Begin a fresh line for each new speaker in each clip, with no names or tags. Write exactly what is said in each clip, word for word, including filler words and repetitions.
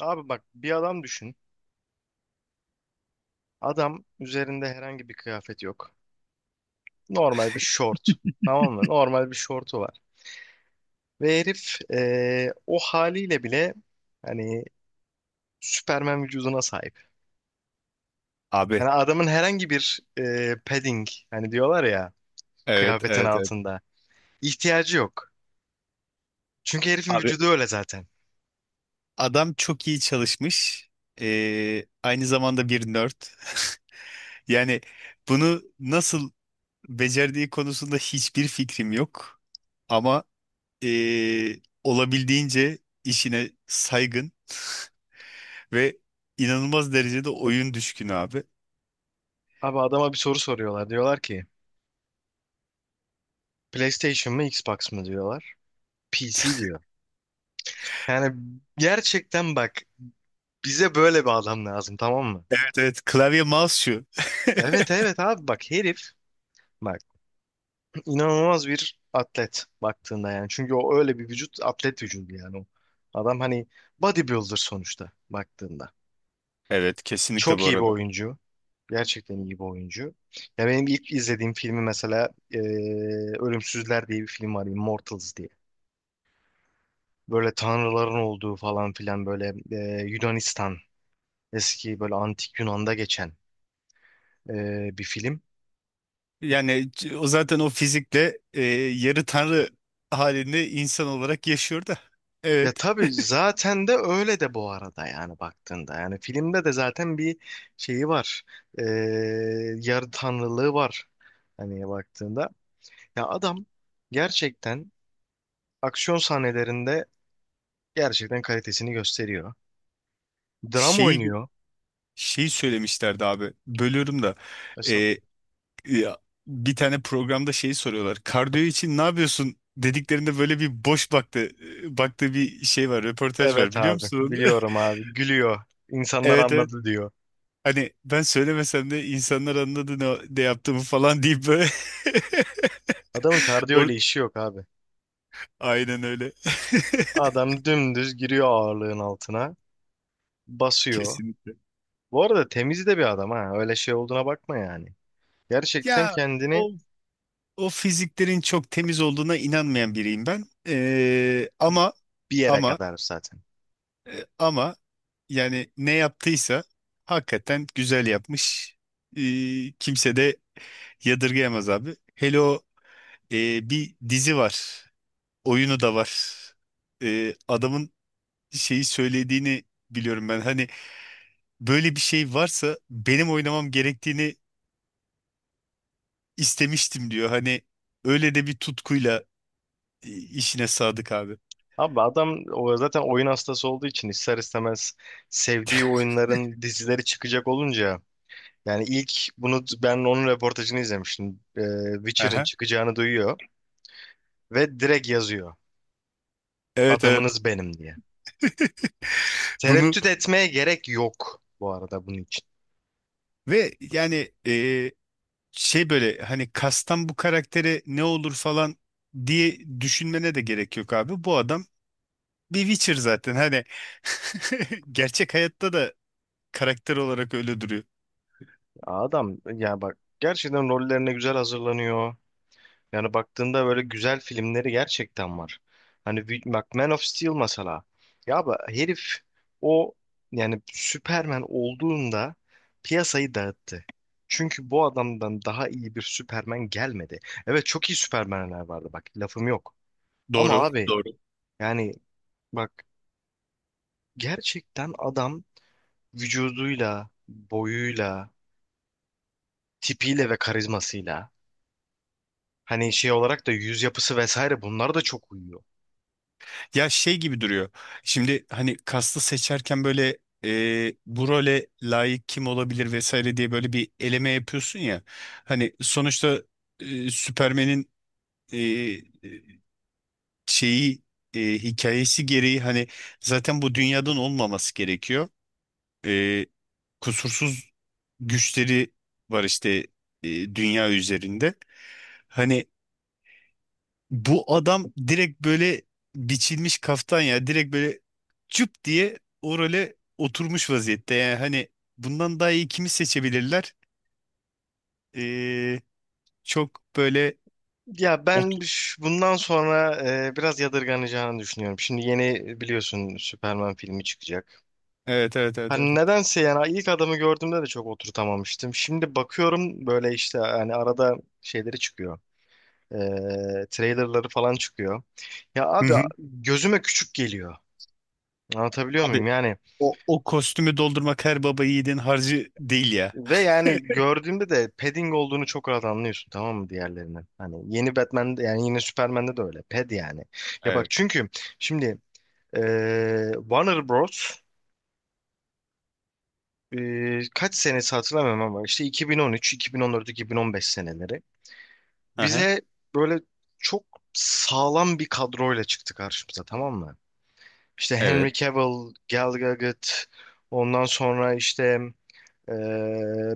Abi bak, bir adam düşün. Adam üzerinde herhangi bir kıyafet yok. Normal bir şort. Tamam mı? Normal bir şortu var. Ve herif eee, o haliyle bile hani Süpermen vücuduna sahip.
Abi.
Yani adamın herhangi bir eee, padding, hani diyorlar ya,
Evet,
kıyafetin
evet, evet.
altında ihtiyacı yok. Çünkü herifin
Abi
vücudu öyle zaten.
adam çok iyi çalışmış. Ee, aynı zamanda bir nerd. Yani bunu nasıl becerdiği konusunda hiçbir fikrim yok. Ama ee, olabildiğince işine saygın ve inanılmaz derecede oyun düşkünü abi.
Abi adama bir soru soruyorlar. Diyorlar ki PlayStation mı Xbox mı diyorlar. P C diyor. Yani gerçekten bak, bize böyle bir adam lazım, tamam mı?
Evet, evet. Klavye mouse şu.
Evet evet abi, bak herif, bak, inanılmaz bir atlet baktığında yani. Çünkü o öyle bir vücut, atlet vücudu yani o. Adam hani bodybuilder sonuçta baktığında.
Evet, kesinlikle bu
Çok iyi bir
arada.
oyuncu. Gerçekten iyi bir oyuncu. Ya benim ilk izlediğim filmi mesela eee, Ölümsüzler diye bir film var. Immortals diye. Böyle tanrıların olduğu falan filan, böyle eee, Yunanistan, eski böyle antik Yunan'da geçen eee, bir film.
Yani c- o zaten o fizikle ee, yarı tanrı halinde insan olarak yaşıyor da.
Ya
Evet.
tabii zaten de öyle de bu arada, yani baktığında. Yani filmde de zaten bir şeyi var. Ee, yarı tanrılığı var. Hani baktığında. Ya adam gerçekten aksiyon sahnelerinde gerçekten kalitesini gösteriyor. Dram
şeyi
oynuyor.
Şeyi söylemişlerdi abi. Bölüyorum da.
Mesela,
Ee, ya, Bir tane programda şeyi soruyorlar. Kardiyo için ne yapıyorsun? Dediklerinde böyle bir boş baktı baktığı bir şey var, röportaj var
evet
biliyor
abi
musun onu?
biliyorum abi, gülüyor. İnsanlar
Evet evet.
anladı diyor.
Hani ben söylemesem de insanlar anladı ne, ne yaptığımı falan deyip böyle
Adamın kardiyo
Or-
ile işi yok abi.
Aynen öyle.
Adam dümdüz giriyor ağırlığın altına. Basıyor.
Kesinlikle.
Bu arada temiz de bir adam ha. Öyle şey olduğuna bakma yani. Gerçekten
Ya
kendini
o o fiziklerin çok temiz olduğuna inanmayan biriyim ben. Ee, ama
bir yere
ama
kadar zaten.
E, Ama yani ne yaptıysa hakikaten güzel yapmış. E, Kimse de yadırgayamaz abi. Hele o e, bir dizi var. Oyunu da var. E, adamın şeyi söylediğini biliyorum ben. Hani böyle bir şey varsa benim oynamam gerektiğini istemiştim diyor. Hani öyle de bir tutkuyla e, işine sadık abi.
Abi adam o zaten oyun hastası olduğu için, ister istemez sevdiği oyunların dizileri çıkacak olunca, yani ilk bunu ben onun röportajını izlemiştim. Ee, Witcher'ın
Aha.
çıkacağını duyuyor ve direkt yazıyor.
Evet evet.
Adamınız benim diye.
Bunu
Tereddüt etmeye gerek yok bu arada bunun için.
ve yani e, şey böyle hani kastan bu karaktere ne olur falan diye düşünmene de gerek yok abi. Bu adam bir Witcher zaten. Hani gerçek hayatta da karakter olarak öyle duruyor.
Adam ya bak, gerçekten rollerine güzel hazırlanıyor. Yani baktığında böyle güzel filmleri gerçekten var. Hani bir- bak, Man of Steel mesela. Ya bu herif, o, yani Superman olduğunda piyasayı dağıttı. Çünkü bu adamdan daha iyi bir Superman gelmedi. Evet, çok iyi Superman'ler vardı, bak lafım yok. Ama
Doğru.
abi
Doğru.
yani bak, gerçekten adam vücuduyla, boyuyla, tipiyle ve karizmasıyla, hani şey olarak da yüz yapısı vesaire, bunlar da çok uyuyor.
Ya şey gibi duruyor. Şimdi hani kastı seçerken böyle e, bu role layık kim olabilir vesaire diye böyle bir eleme yapıyorsun ya. Hani sonuçta e, Süpermen'in e, e, şeyi e, hikayesi gereği hani zaten bu dünyadan olmaması gerekiyor. E, Kusursuz güçleri var işte e, dünya üzerinde. Hani bu adam direkt böyle biçilmiş kaftan ya. Direkt böyle cüp diye o role oturmuş vaziyette. Yani hani bundan daha iyi kimi seçebilirler? Ee, Çok böyle
Ya ben
otur.
ş- bundan sonra e, biraz yadırganacağını düşünüyorum. Şimdi yeni biliyorsun, Superman filmi çıkacak.
Evet evet evet evet.
Hani
Evet.
nedense yani ilk adamı gördüğümde de çok oturtamamıştım. Şimdi bakıyorum böyle işte, hani arada şeyleri çıkıyor. E, trailerları falan çıkıyor. Ya
Hı
abi
hı.
gözüme küçük geliyor. Anlatabiliyor
Abi
muyum? Yani
o, o kostümü doldurmak her baba yiğidin harcı değil ya.
ve yani gördüğümde de padding olduğunu çok rahat anlıyorsun, tamam mı, diğerlerinin. Hani yeni Batman'de yani, yine Superman'de de öyle. Pad yani. Ya bak,
Evet.
çünkü şimdi Ee, Warner Bros. ee, kaç senesi hatırlamıyorum ama işte iki bin on üç, iki bin on dört, iki bin on beş seneleri.
Hı.
Bize böyle çok sağlam bir kadroyla çıktı karşımıza, tamam mı? İşte
Evet.
Henry Cavill, Gal Gadot, ondan sonra işte ee,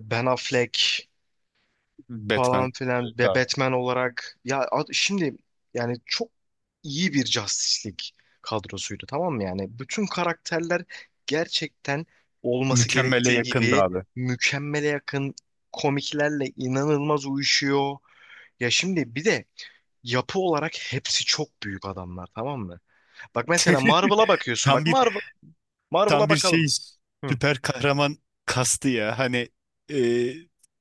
Ben Affleck falan
Batman.
filan
Evet
ve
abi.
Batman olarak ya ad- şimdi yani çok iyi bir Justice League kadrosuydu, tamam mı, yani bütün karakterler gerçekten olması
Mükemmele
gerektiği
yakındı
gibi,
abi.
mükemmele yakın, komiklerle inanılmaz uyuşuyor. Ya şimdi bir de yapı olarak hepsi çok büyük adamlar, tamam mı? Bak mesela Marvel'a bakıyorsun,
Tam
bak
bir
Marvel
Tam
Marvel'a
bir şey
bakalım. Hı,
süper kahraman kastı ya. Hani e,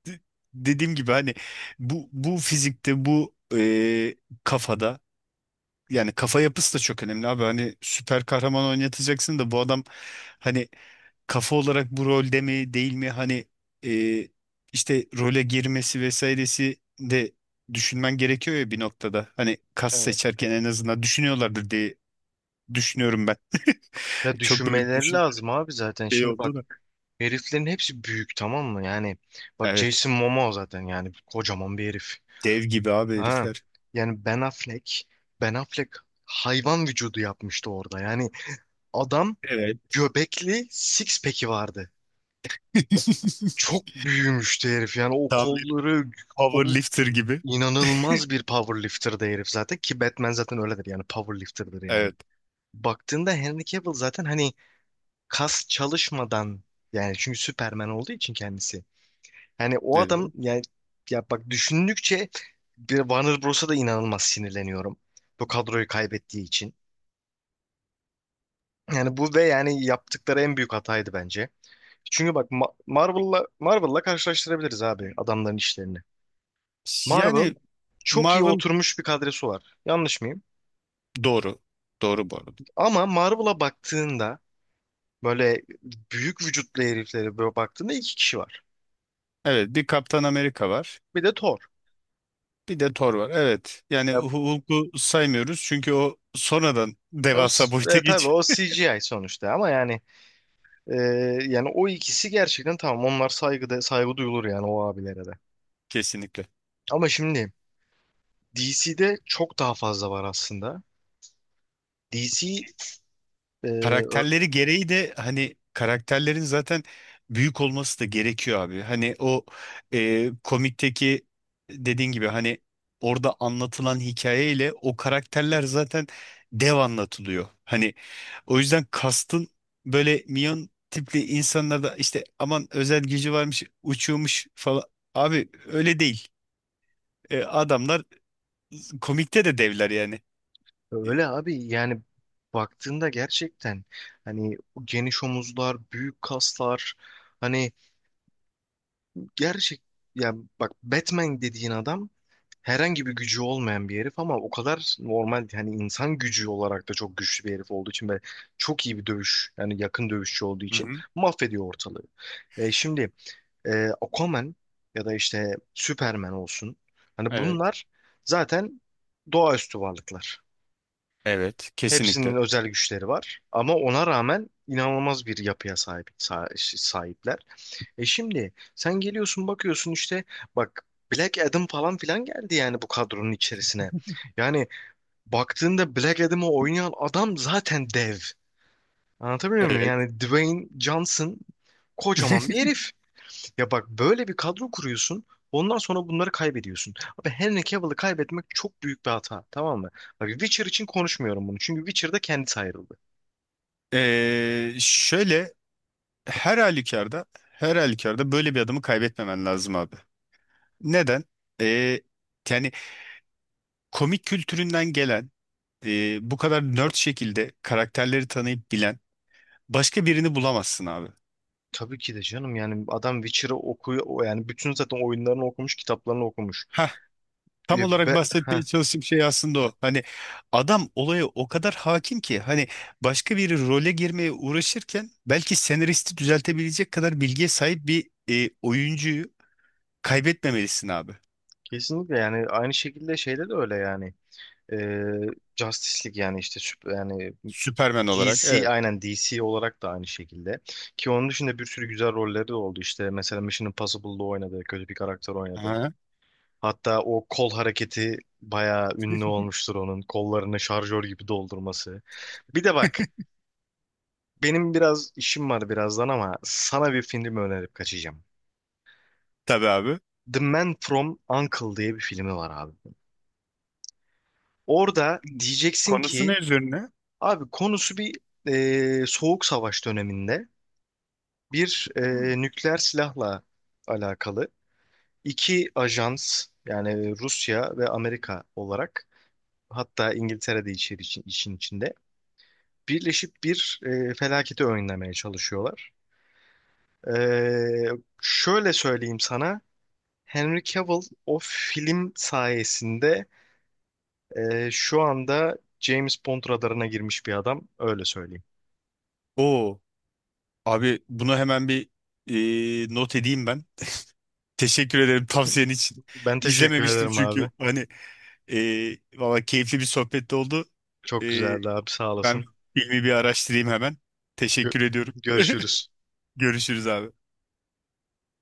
d- dediğim gibi hani bu bu fizikte bu e, kafada yani kafa yapısı da çok önemli abi. Hani süper kahraman oynatacaksın da bu adam hani kafa olarak bu rolde mi değil mi hani e, işte role girmesi vesairesi de düşünmen gerekiyor ya bir noktada. Hani kas
evet.
seçerken en azından düşünüyorlardır diye düşünüyorum ben.
Ya
Çok böyle
düşünmeleri
düşün
lazım abi zaten.
şey
Şimdi bak,
oldu da.
heriflerin hepsi büyük, tamam mı? Yani bak,
Evet.
Jason Momoa zaten yani kocaman bir herif.
Dev gibi abi
Ha.
herifler.
Yani Ben Affleck, Ben Affleck hayvan vücudu yapmıştı orada. Yani adam
Evet.
göbekli six pack'i vardı. Çok büyümüştü herif. Yani o
Tam bir
kolları, o-
powerlifter gibi.
inanılmaz bir powerlifter'dı herif zaten, ki Batman zaten öyledir yani, powerlifter'dır yani.
Evet.
Baktığında Henry Cavill zaten hani kas çalışmadan, yani çünkü Superman olduğu için kendisi, yani o adam
Evet.
yani, ya bak, düşündükçe bir Warner Bros'a da inanılmaz sinirleniyorum. Bu kadroyu kaybettiği için. Yani bu ve yani yaptıkları en büyük hataydı bence. Çünkü bak Ma- Marvel'la Marvel'la karşılaştırabiliriz abi adamların işlerini. Marvel
Yani
çok iyi
Marvel
oturmuş bir kadrosu var. Yanlış mıyım?
doğru. Doğru bu arada.
Ama Marvel'a baktığında böyle büyük vücutlu heriflere böyle baktığında iki kişi var.
Evet bir Kaptan Amerika var.
Bir de Thor.
Bir de Thor var. Evet. Yani
Ya,
Hulk'u saymıyoruz çünkü o sonradan
ya o,
devasa
s-
boyuta
e, tabii
geçiyor.
o C G I sonuçta, ama yani Ee, yani o ikisi gerçekten tamam. Onlar saygıda, saygı duyulur yani o abilere de.
Kesinlikle.
Ama şimdi D C'de çok daha fazla var aslında. D C e, ö-
Karakterleri gereği de hani karakterlerin zaten büyük olması da gerekiyor abi. Hani o e, komikteki dediğin gibi hani orada anlatılan hikayeyle o karakterler zaten dev anlatılıyor. Hani o yüzden kastın böyle minyon tipli insanlarda işte aman özel gücü varmış uçuyormuş falan. Abi öyle değil. E, adamlar komikte de devler yani. Hı
öyle abi yani, baktığında gerçekten hani geniş omuzlar, büyük kaslar, hani gerçek, yani bak Batman dediğin adam herhangi bir gücü olmayan bir herif, ama o kadar normal hani insan gücü olarak da çok güçlü bir herif olduğu için ve çok iyi bir dövüş, yani yakın dövüşçü olduğu için
hı.
mahvediyor ortalığı. E, şimdi e, Aquaman ya da işte Superman olsun, hani
Evet.
bunlar zaten doğaüstü varlıklar.
Evet.
Hepsinin
Kesinlikle.
özel güçleri var ama ona rağmen inanılmaz bir yapıya sahip sa- sahipler. E şimdi sen geliyorsun, bakıyorsun işte bak, Black Adam falan filan geldi yani bu kadronun içerisine. Yani baktığında Black Adam'ı oynayan adam zaten dev. Anlatabiliyor muyum?
Evet.
Yani Dwayne Johnson kocaman bir herif. Ya bak, böyle bir kadro kuruyorsun. Ondan sonra bunları kaybediyorsun. Abi Henry Cavill'ı kaybetmek çok büyük bir hata. Tamam mı? Bak, Witcher için konuşmuyorum bunu. Çünkü Witcher'da kendisi ayrıldı.
Ee, şöyle her halükarda her halükarda böyle bir adamı kaybetmemen lazım abi. Neden? Ee, Yani komik kültüründen gelen e, bu kadar nerd şekilde karakterleri tanıyıp bilen başka birini bulamazsın abi.
Tabii ki de canım, yani adam Witcher'ı okuyor o, yani bütün zaten oyunlarını okumuş, kitaplarını okumuş.
Tam
E, be,
olarak
heh,
bahsetmeye çalıştığım şey aslında o. Hani adam olaya o kadar hakim ki hani başka bir role girmeye uğraşırken belki senaristi düzeltebilecek kadar bilgiye sahip bir e, oyuncuyu kaybetmemelisin abi.
kesinlikle, yani aynı şekilde şeyde de öyle yani. E, Justice League yani işte süp- yani
Süpermen olarak.
D C,
Evet.
aynen D C olarak da aynı şekilde. Ki onun dışında bir sürü güzel rolleri de oldu, işte mesela Mission Impossible'da oynadı, kötü bir karakter oynadı.
Aha.
Hatta o kol hareketi bayağı ünlü olmuştur, onun kollarını şarjör gibi doldurması. Bir de bak, benim biraz işim var birazdan, ama sana bir film önerip kaçacağım.
Tabii abi.
The Man from U N C L E diye bir filmi var abi. Orada diyeceksin
Konusu
ki
ne üzerine?
abi, konusu bir e, soğuk savaş döneminde bir e,
Hı.
nükleer silahla alakalı iki ajans, yani Rusya ve Amerika olarak, hatta İngiltere de içeri, için- işin içinde, birleşip bir e, felaketi önlemeye çalışıyorlar. E, şöyle söyleyeyim sana. Henry Cavill o film sayesinde e, şu anda James Bond radarına girmiş bir adam. Öyle söyleyeyim.
Oo, abi bunu hemen bir e, not edeyim ben. Teşekkür ederim tavsiyen için.
Ben teşekkür
İzlememiştim
ederim abi.
çünkü hani e, valla keyifli bir sohbet oldu.
Çok
E,
güzeldi abi. Sağ
Ben
olasın.
filmi bir araştırayım hemen.
Gö-
Teşekkür ediyorum.
görüşürüz.
Görüşürüz abi.